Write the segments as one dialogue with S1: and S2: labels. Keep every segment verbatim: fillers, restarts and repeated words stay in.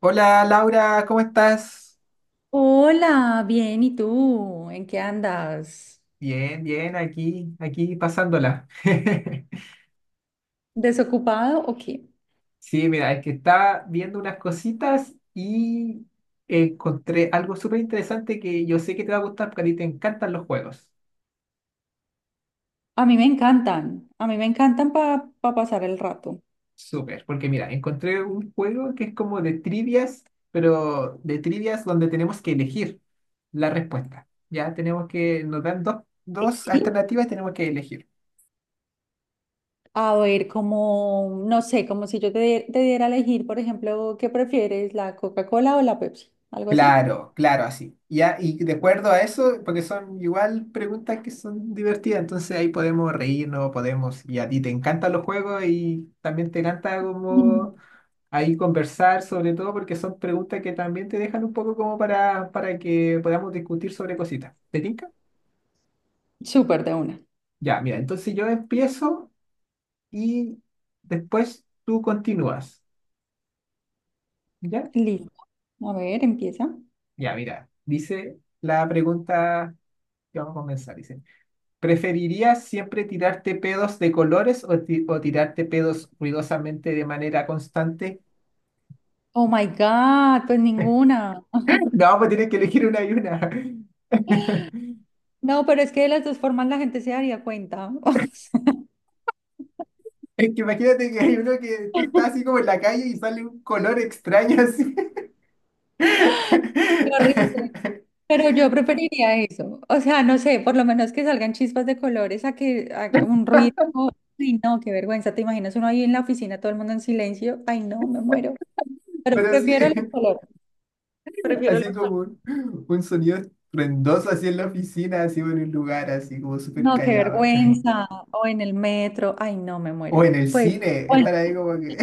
S1: Hola Laura, ¿cómo estás?
S2: Hola, bien, ¿y tú? ¿En qué andas?
S1: Bien, bien, aquí, aquí pasándola.
S2: ¿Desocupado o qué?
S1: Sí, mira, es que estaba viendo unas cositas y encontré algo súper interesante que yo sé que te va a gustar porque a ti te encantan los juegos.
S2: A mí me encantan, a mí me encantan para pasar el rato.
S1: Súper, porque mira, encontré un juego que es como de trivias, pero de trivias donde tenemos que elegir la respuesta. Ya tenemos que, nos dan dos, dos
S2: ¿Sí?
S1: alternativas y tenemos que elegir.
S2: A ver, como, no sé, como si yo te, die- te diera a elegir, por ejemplo, ¿qué prefieres, la Coca-Cola o la Pepsi? ¿Algo así?
S1: Claro, claro, así. Y, a- y de acuerdo a eso, porque son igual preguntas que son divertidas, entonces ahí podemos reírnos, podemos, y a ti te encantan los juegos y también te encanta
S2: Mm.
S1: como ahí conversar, sobre todo porque son preguntas que también te dejan un poco como para, para que podamos discutir sobre cositas. ¿Te tinca?
S2: Súper de una.
S1: Ya, mira, entonces yo empiezo y después tú continúas. ¿Ya?
S2: Listo. A ver, empieza.
S1: Ya, mira, dice la pregunta que vamos a comenzar. Dice. ¿Preferirías siempre tirarte pedos de colores o, ti- o tirarte pedos ruidosamente de manera constante?
S2: Oh my God, pues ninguna.
S1: No, pues tienes que elegir una y una.
S2: No, pero es que de las dos formas la gente se daría cuenta.
S1: Es que imagínate que hay uno que tú
S2: Qué
S1: estás así como en la calle y sale un color extraño así.
S2: horrible. Pero yo preferiría eso. O sea, no sé, por lo menos que salgan chispas de colores a que haga un ruido. Ay, no, qué vergüenza. ¿Te imaginas uno ahí en la oficina, todo el mundo en silencio? Ay, no, me muero. Pero
S1: Pero sí,
S2: prefiero los colores. Prefiero
S1: así
S2: los
S1: como
S2: colores.
S1: un, un sonido estruendoso así en la oficina, así en un lugar así como súper
S2: No, qué
S1: callado.
S2: vergüenza. O en el metro. Ay, no, me
S1: O
S2: muero.
S1: en el
S2: Pues,
S1: cine,
S2: bueno,
S1: estar ahí como que...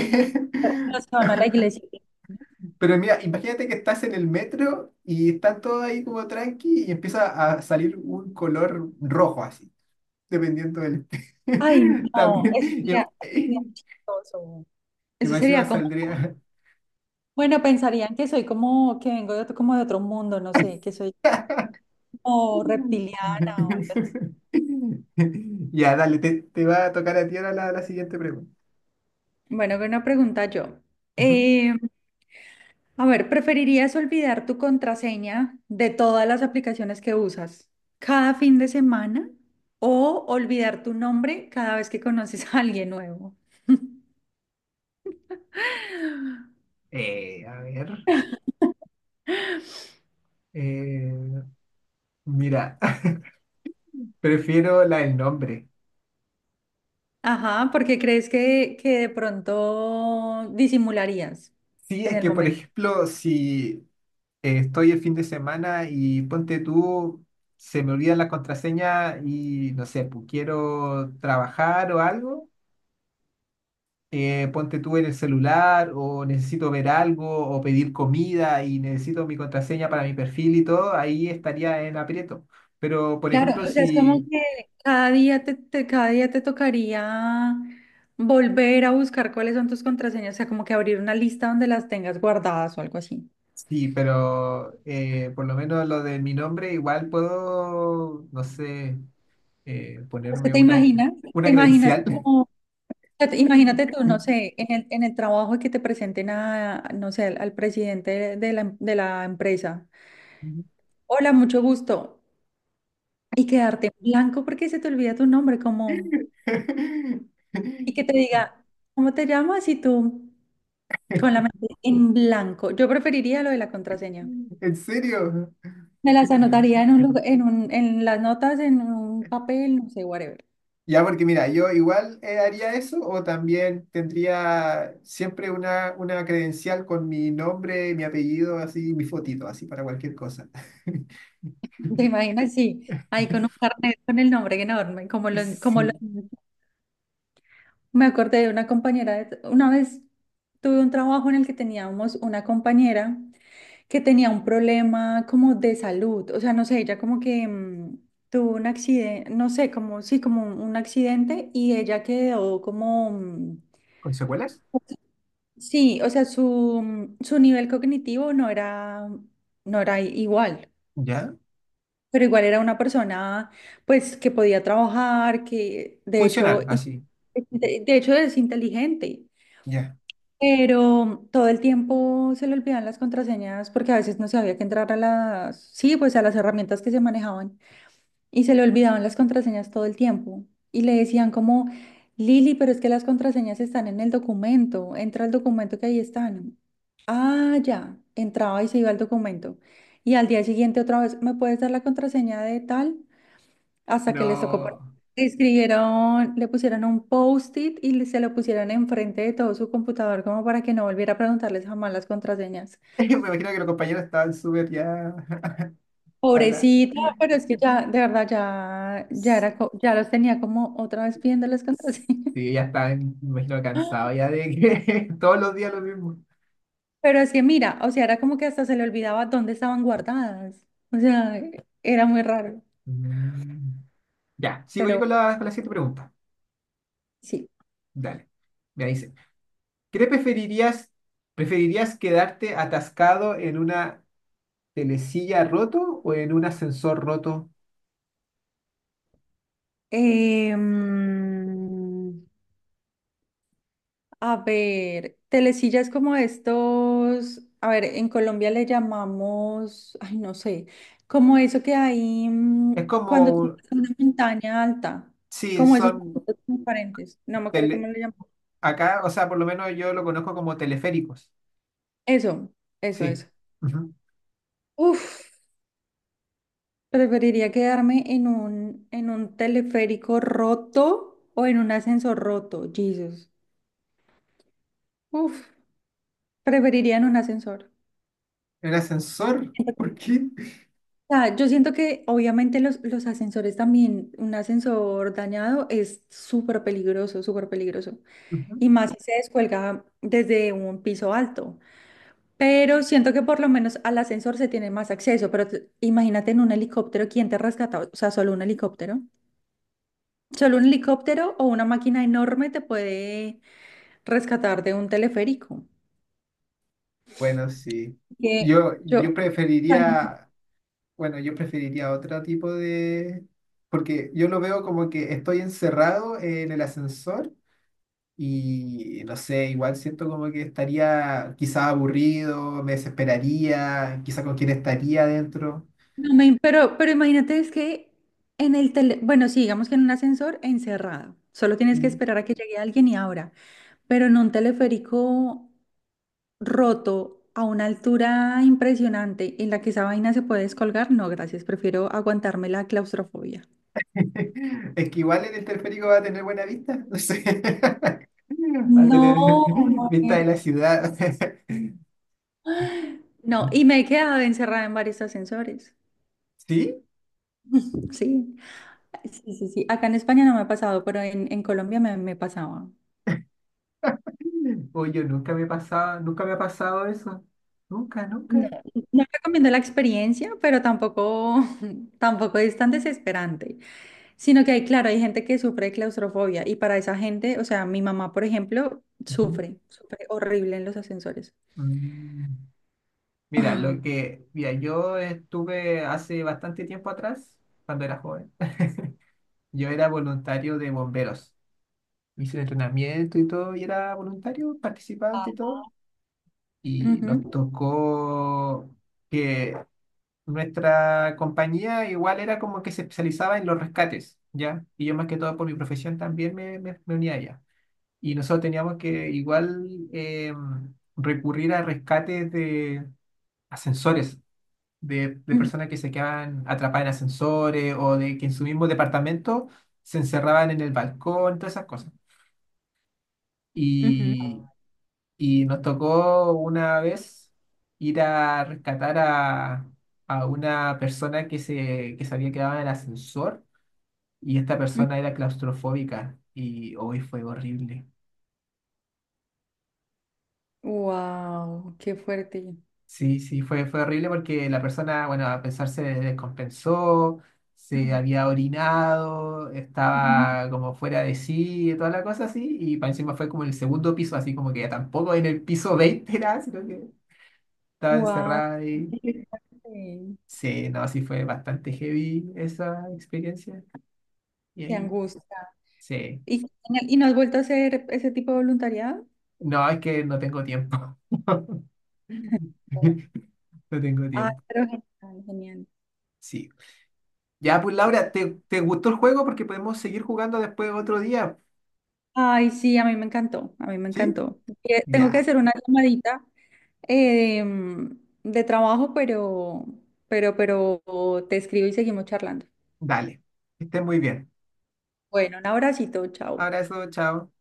S2: los que van a la iglesia.
S1: Pero mira, imagínate que estás en el metro y están todos ahí como tranqui y empieza a salir un color rojo así, dependiendo del...
S2: Ay, no,
S1: También,
S2: eso sería, eso sería
S1: y,
S2: chistoso.
S1: y
S2: Eso
S1: más encima
S2: sería como,
S1: saldría...
S2: bueno, pensarían que soy como, que vengo de otro, como de otro mundo, no sé, que soy o reptiliana o algo así.
S1: Ya, dale, te, te va a tocar a ti ahora la, la siguiente pregunta.
S2: Bueno, una pregunta yo.
S1: Ujú.
S2: Eh, a ver, ¿preferirías olvidar tu contraseña de todas las aplicaciones que usas cada fin de semana o olvidar tu nombre cada vez que conoces a alguien nuevo?
S1: Eh, a ver, eh, mira, prefiero la del nombre.
S2: Ajá, porque crees que, que de pronto disimularías
S1: Sí,
S2: en
S1: es
S2: el
S1: que por
S2: momento.
S1: ejemplo, si eh, estoy el fin de semana y ponte tú, se me olvida la contraseña y no sé, pues quiero trabajar o algo, eh, ponte tú en el celular o necesito ver algo o pedir comida y necesito mi contraseña para mi perfil y todo, ahí estaría en aprieto. Pero, por
S2: Claro,
S1: ejemplo,
S2: o sea, es como
S1: si...
S2: que cada día te, te- cada día te tocaría volver a buscar cuáles son tus contraseñas, o sea, como que abrir una lista donde las tengas guardadas o algo así.
S1: Sí, pero eh, por lo menos lo de mi nombre, igual puedo, no sé, eh,
S2: Es que
S1: ponerme
S2: te
S1: una,
S2: imaginas, te
S1: una
S2: imaginas
S1: credencial.
S2: como, o sea, te- imagínate tú, no sé, en el, en el trabajo que te presenten a, no sé, al, al presidente de de la, em- de la empresa. Hola, mucho gusto. Y quedarte en blanco porque se te olvida tu nombre, como... y que te diga, ¿cómo te llamas? Y tú, con la mente en blanco. Yo preferiría lo de la contraseña.
S1: ¿En serio?
S2: Me las anotaría en un lugar- en un, en las notas, en un papel, no sé, whatever.
S1: Ya, porque mira, yo igual eh, haría eso o también tendría siempre una, una credencial con mi nombre, mi apellido, así, mi fotito, así para cualquier cosa.
S2: ¿Te imaginas? Sí, ahí con un carnet con el nombre enorme, como lo, como lo-
S1: Sí.
S2: me acordé de una compañera, de- una vez tuve un trabajo en el que teníamos una compañera que tenía un problema como de salud, o sea, no sé, ella como que mm, tuvo un accidente, no sé, como, sí, como un, un accidente y ella quedó como, mm,
S1: ¿Con secuelas?
S2: sí, o sea, su, mm, su nivel cognitivo no era, no era i- igual.
S1: Ya.
S2: Pero igual era una persona, pues, que podía trabajar, que de hecho,
S1: Funcional,
S2: in-
S1: así.
S2: de de hecho es inteligente.
S1: Ya.
S2: Pero todo el tiempo se le olvidaban las contraseñas porque a veces no sabía que entrar a las, sí, pues a las herramientas que se manejaban y se le olvidaban las contraseñas todo el tiempo. Y le decían como, Lili, pero es que las contraseñas están en el documento, entra al documento que ahí están. Ah, ya, entraba y se iba al documento. Y al día siguiente otra vez, ¿me puedes dar la contraseña de tal? Hasta que les tocó poner-
S1: No.
S2: escribieron, le pusieron un post-it y le- se lo pusieron enfrente de todo su computador como para que no volviera a preguntarles jamás las contraseñas.
S1: Me imagino que los compañeros estaban súper ya. hasta la-
S2: Pobrecita, pero es que ya, de verdad, ya, ya era, co- ya los tenía como otra vez pidiendo las contraseñas.
S1: Sí, ya estaban, me imagino, cansados ya de que todos los días lo mismo.
S2: Pero es que mira, o sea, era como que hasta se le olvidaba dónde estaban guardadas. O sea, era muy raro,
S1: Mm. Ya, sigo yo
S2: pero
S1: con la, con la siguiente pregunta.
S2: sí.
S1: Dale. Ya dice, ¿qué preferirías, preferirías quedarte atascado en una telesilla roto o en un ascensor roto?
S2: Em, A ver, telesilla es como estos, a ver, en Colombia le llamamos, ay, no sé, como eso que hay
S1: Es
S2: mm,
S1: como,
S2: cuando tú
S1: un-
S2: vas a una montaña alta,
S1: sí,
S2: como esos
S1: son
S2: tapitos transparentes, no me acuerdo cómo
S1: tele-
S2: le llamamos.
S1: acá, o sea, por lo menos yo lo conozco como teleféricos.
S2: Eso, eso,
S1: Sí.
S2: eso.
S1: Ujú.
S2: Uf, preferiría quedarme en un, en un teleférico roto o en un ascensor roto, Jesus. Uf, preferiría en un ascensor.
S1: ¿En ascensor? ¿Por qué?
S2: Sea, yo siento que obviamente los, los ascensores también, un ascensor dañado es súper peligroso, súper peligroso.
S1: Ujú.
S2: Y más si se descuelga desde un piso alto. Pero siento que por lo menos al ascensor se tiene más acceso. Pero t- imagínate en un helicóptero, ¿quién te rescata? O sea, solo un helicóptero. Solo un helicóptero o una máquina enorme te puede rescatar de un teleférico.
S1: Bueno, sí.
S2: Que
S1: Yo,
S2: yo,
S1: yo preferiría Bueno, yo preferiría otro tipo de... Porque yo lo veo como que estoy encerrado en el ascensor y no sé, igual siento como que estaría quizá aburrido, me desesperaría, quizá con quién estaría adentro.
S2: no me- pero, pero imagínate, es que en el tele, bueno, sí, digamos que en un ascensor encerrado, solo tienes que
S1: Mm.
S2: esperar a que llegue alguien y abra, pero en un teleférico roto a una altura impresionante en la que esa vaina se puede descolgar, no, gracias, prefiero aguantarme la claustrofobia.
S1: Es que igual en el teleférico va a tener buena vista, no sé. Va a tener
S2: No, me
S1: vista de
S2: muero.
S1: la ciudad.
S2: No, y me he quedado encerrada en varios ascensores.
S1: ¿Sí?
S2: Sí, sí, sí, sí. Acá en España no me ha pasado, pero en, en Colombia me, me pasaba.
S1: O yo nunca me pasaba, nunca me ha pasado eso. Nunca, nunca.
S2: No, no recomiendo la experiencia, pero tampoco, tampoco es tan desesperante, sino que hay, claro, hay gente que sufre de claustrofobia y para esa gente, o sea, mi mamá, por ejemplo,
S1: Ujú.
S2: sufre, sufre horrible en los ascensores.
S1: Mm. Mira, lo que, mira, yo estuve hace bastante tiempo atrás, cuando era joven, yo era voluntario de bomberos. Hice el entrenamiento y todo, y era voluntario, participante y todo. Y nos tocó que nuestra compañía igual era como que se especializaba en los rescates, ¿ya? Y yo más que todo por mi profesión también me, me, me unía a ella. Y nosotros teníamos que igual em, recurrir a rescates de ascensores de, de personas que se quedaban atrapadas en ascensores o de que en su mismo departamento se encerraban en el balcón, todas esas cosas. Y, y nos tocó una vez ir a rescatar a, a una persona que se, que se había quedado en el ascensor y esta persona era claustrofóbica y hoy fue horrible.
S2: Wow, qué fuerte.
S1: Sí, sí, fue, fue horrible porque la persona, bueno, a pesar se descompensó, se había orinado, estaba como fuera de sí, y toda la cosa así, y para encima fue como en el segundo piso, así como que ya tampoco en el piso veinte, era, sino que estaba
S2: Wow,
S1: encerrada ahí.
S2: qué fuerte.
S1: Sí, no, sí fue bastante heavy esa experiencia. Y
S2: Qué
S1: ahí,
S2: angustia.
S1: sí,
S2: ¿Y, y no has vuelto a hacer ese tipo de voluntariado?
S1: no, es que no tengo tiempo. No tengo
S2: Ah,
S1: tiempo.
S2: pero genial, genial.
S1: Sí. Ya, pues Laura, ¿te, te gustó el juego? Porque podemos seguir jugando después otro día,
S2: Ay, sí, a mí me encantó, a mí me
S1: ¿sí?
S2: encantó. Eh, Tengo que
S1: Ya,
S2: hacer una llamadita eh, mm, de trabajo, pero, pero, pero te escribo y seguimos charlando.
S1: dale. Que estés muy bien.
S2: Bueno, un abracito, chao.
S1: Abrazo, chao.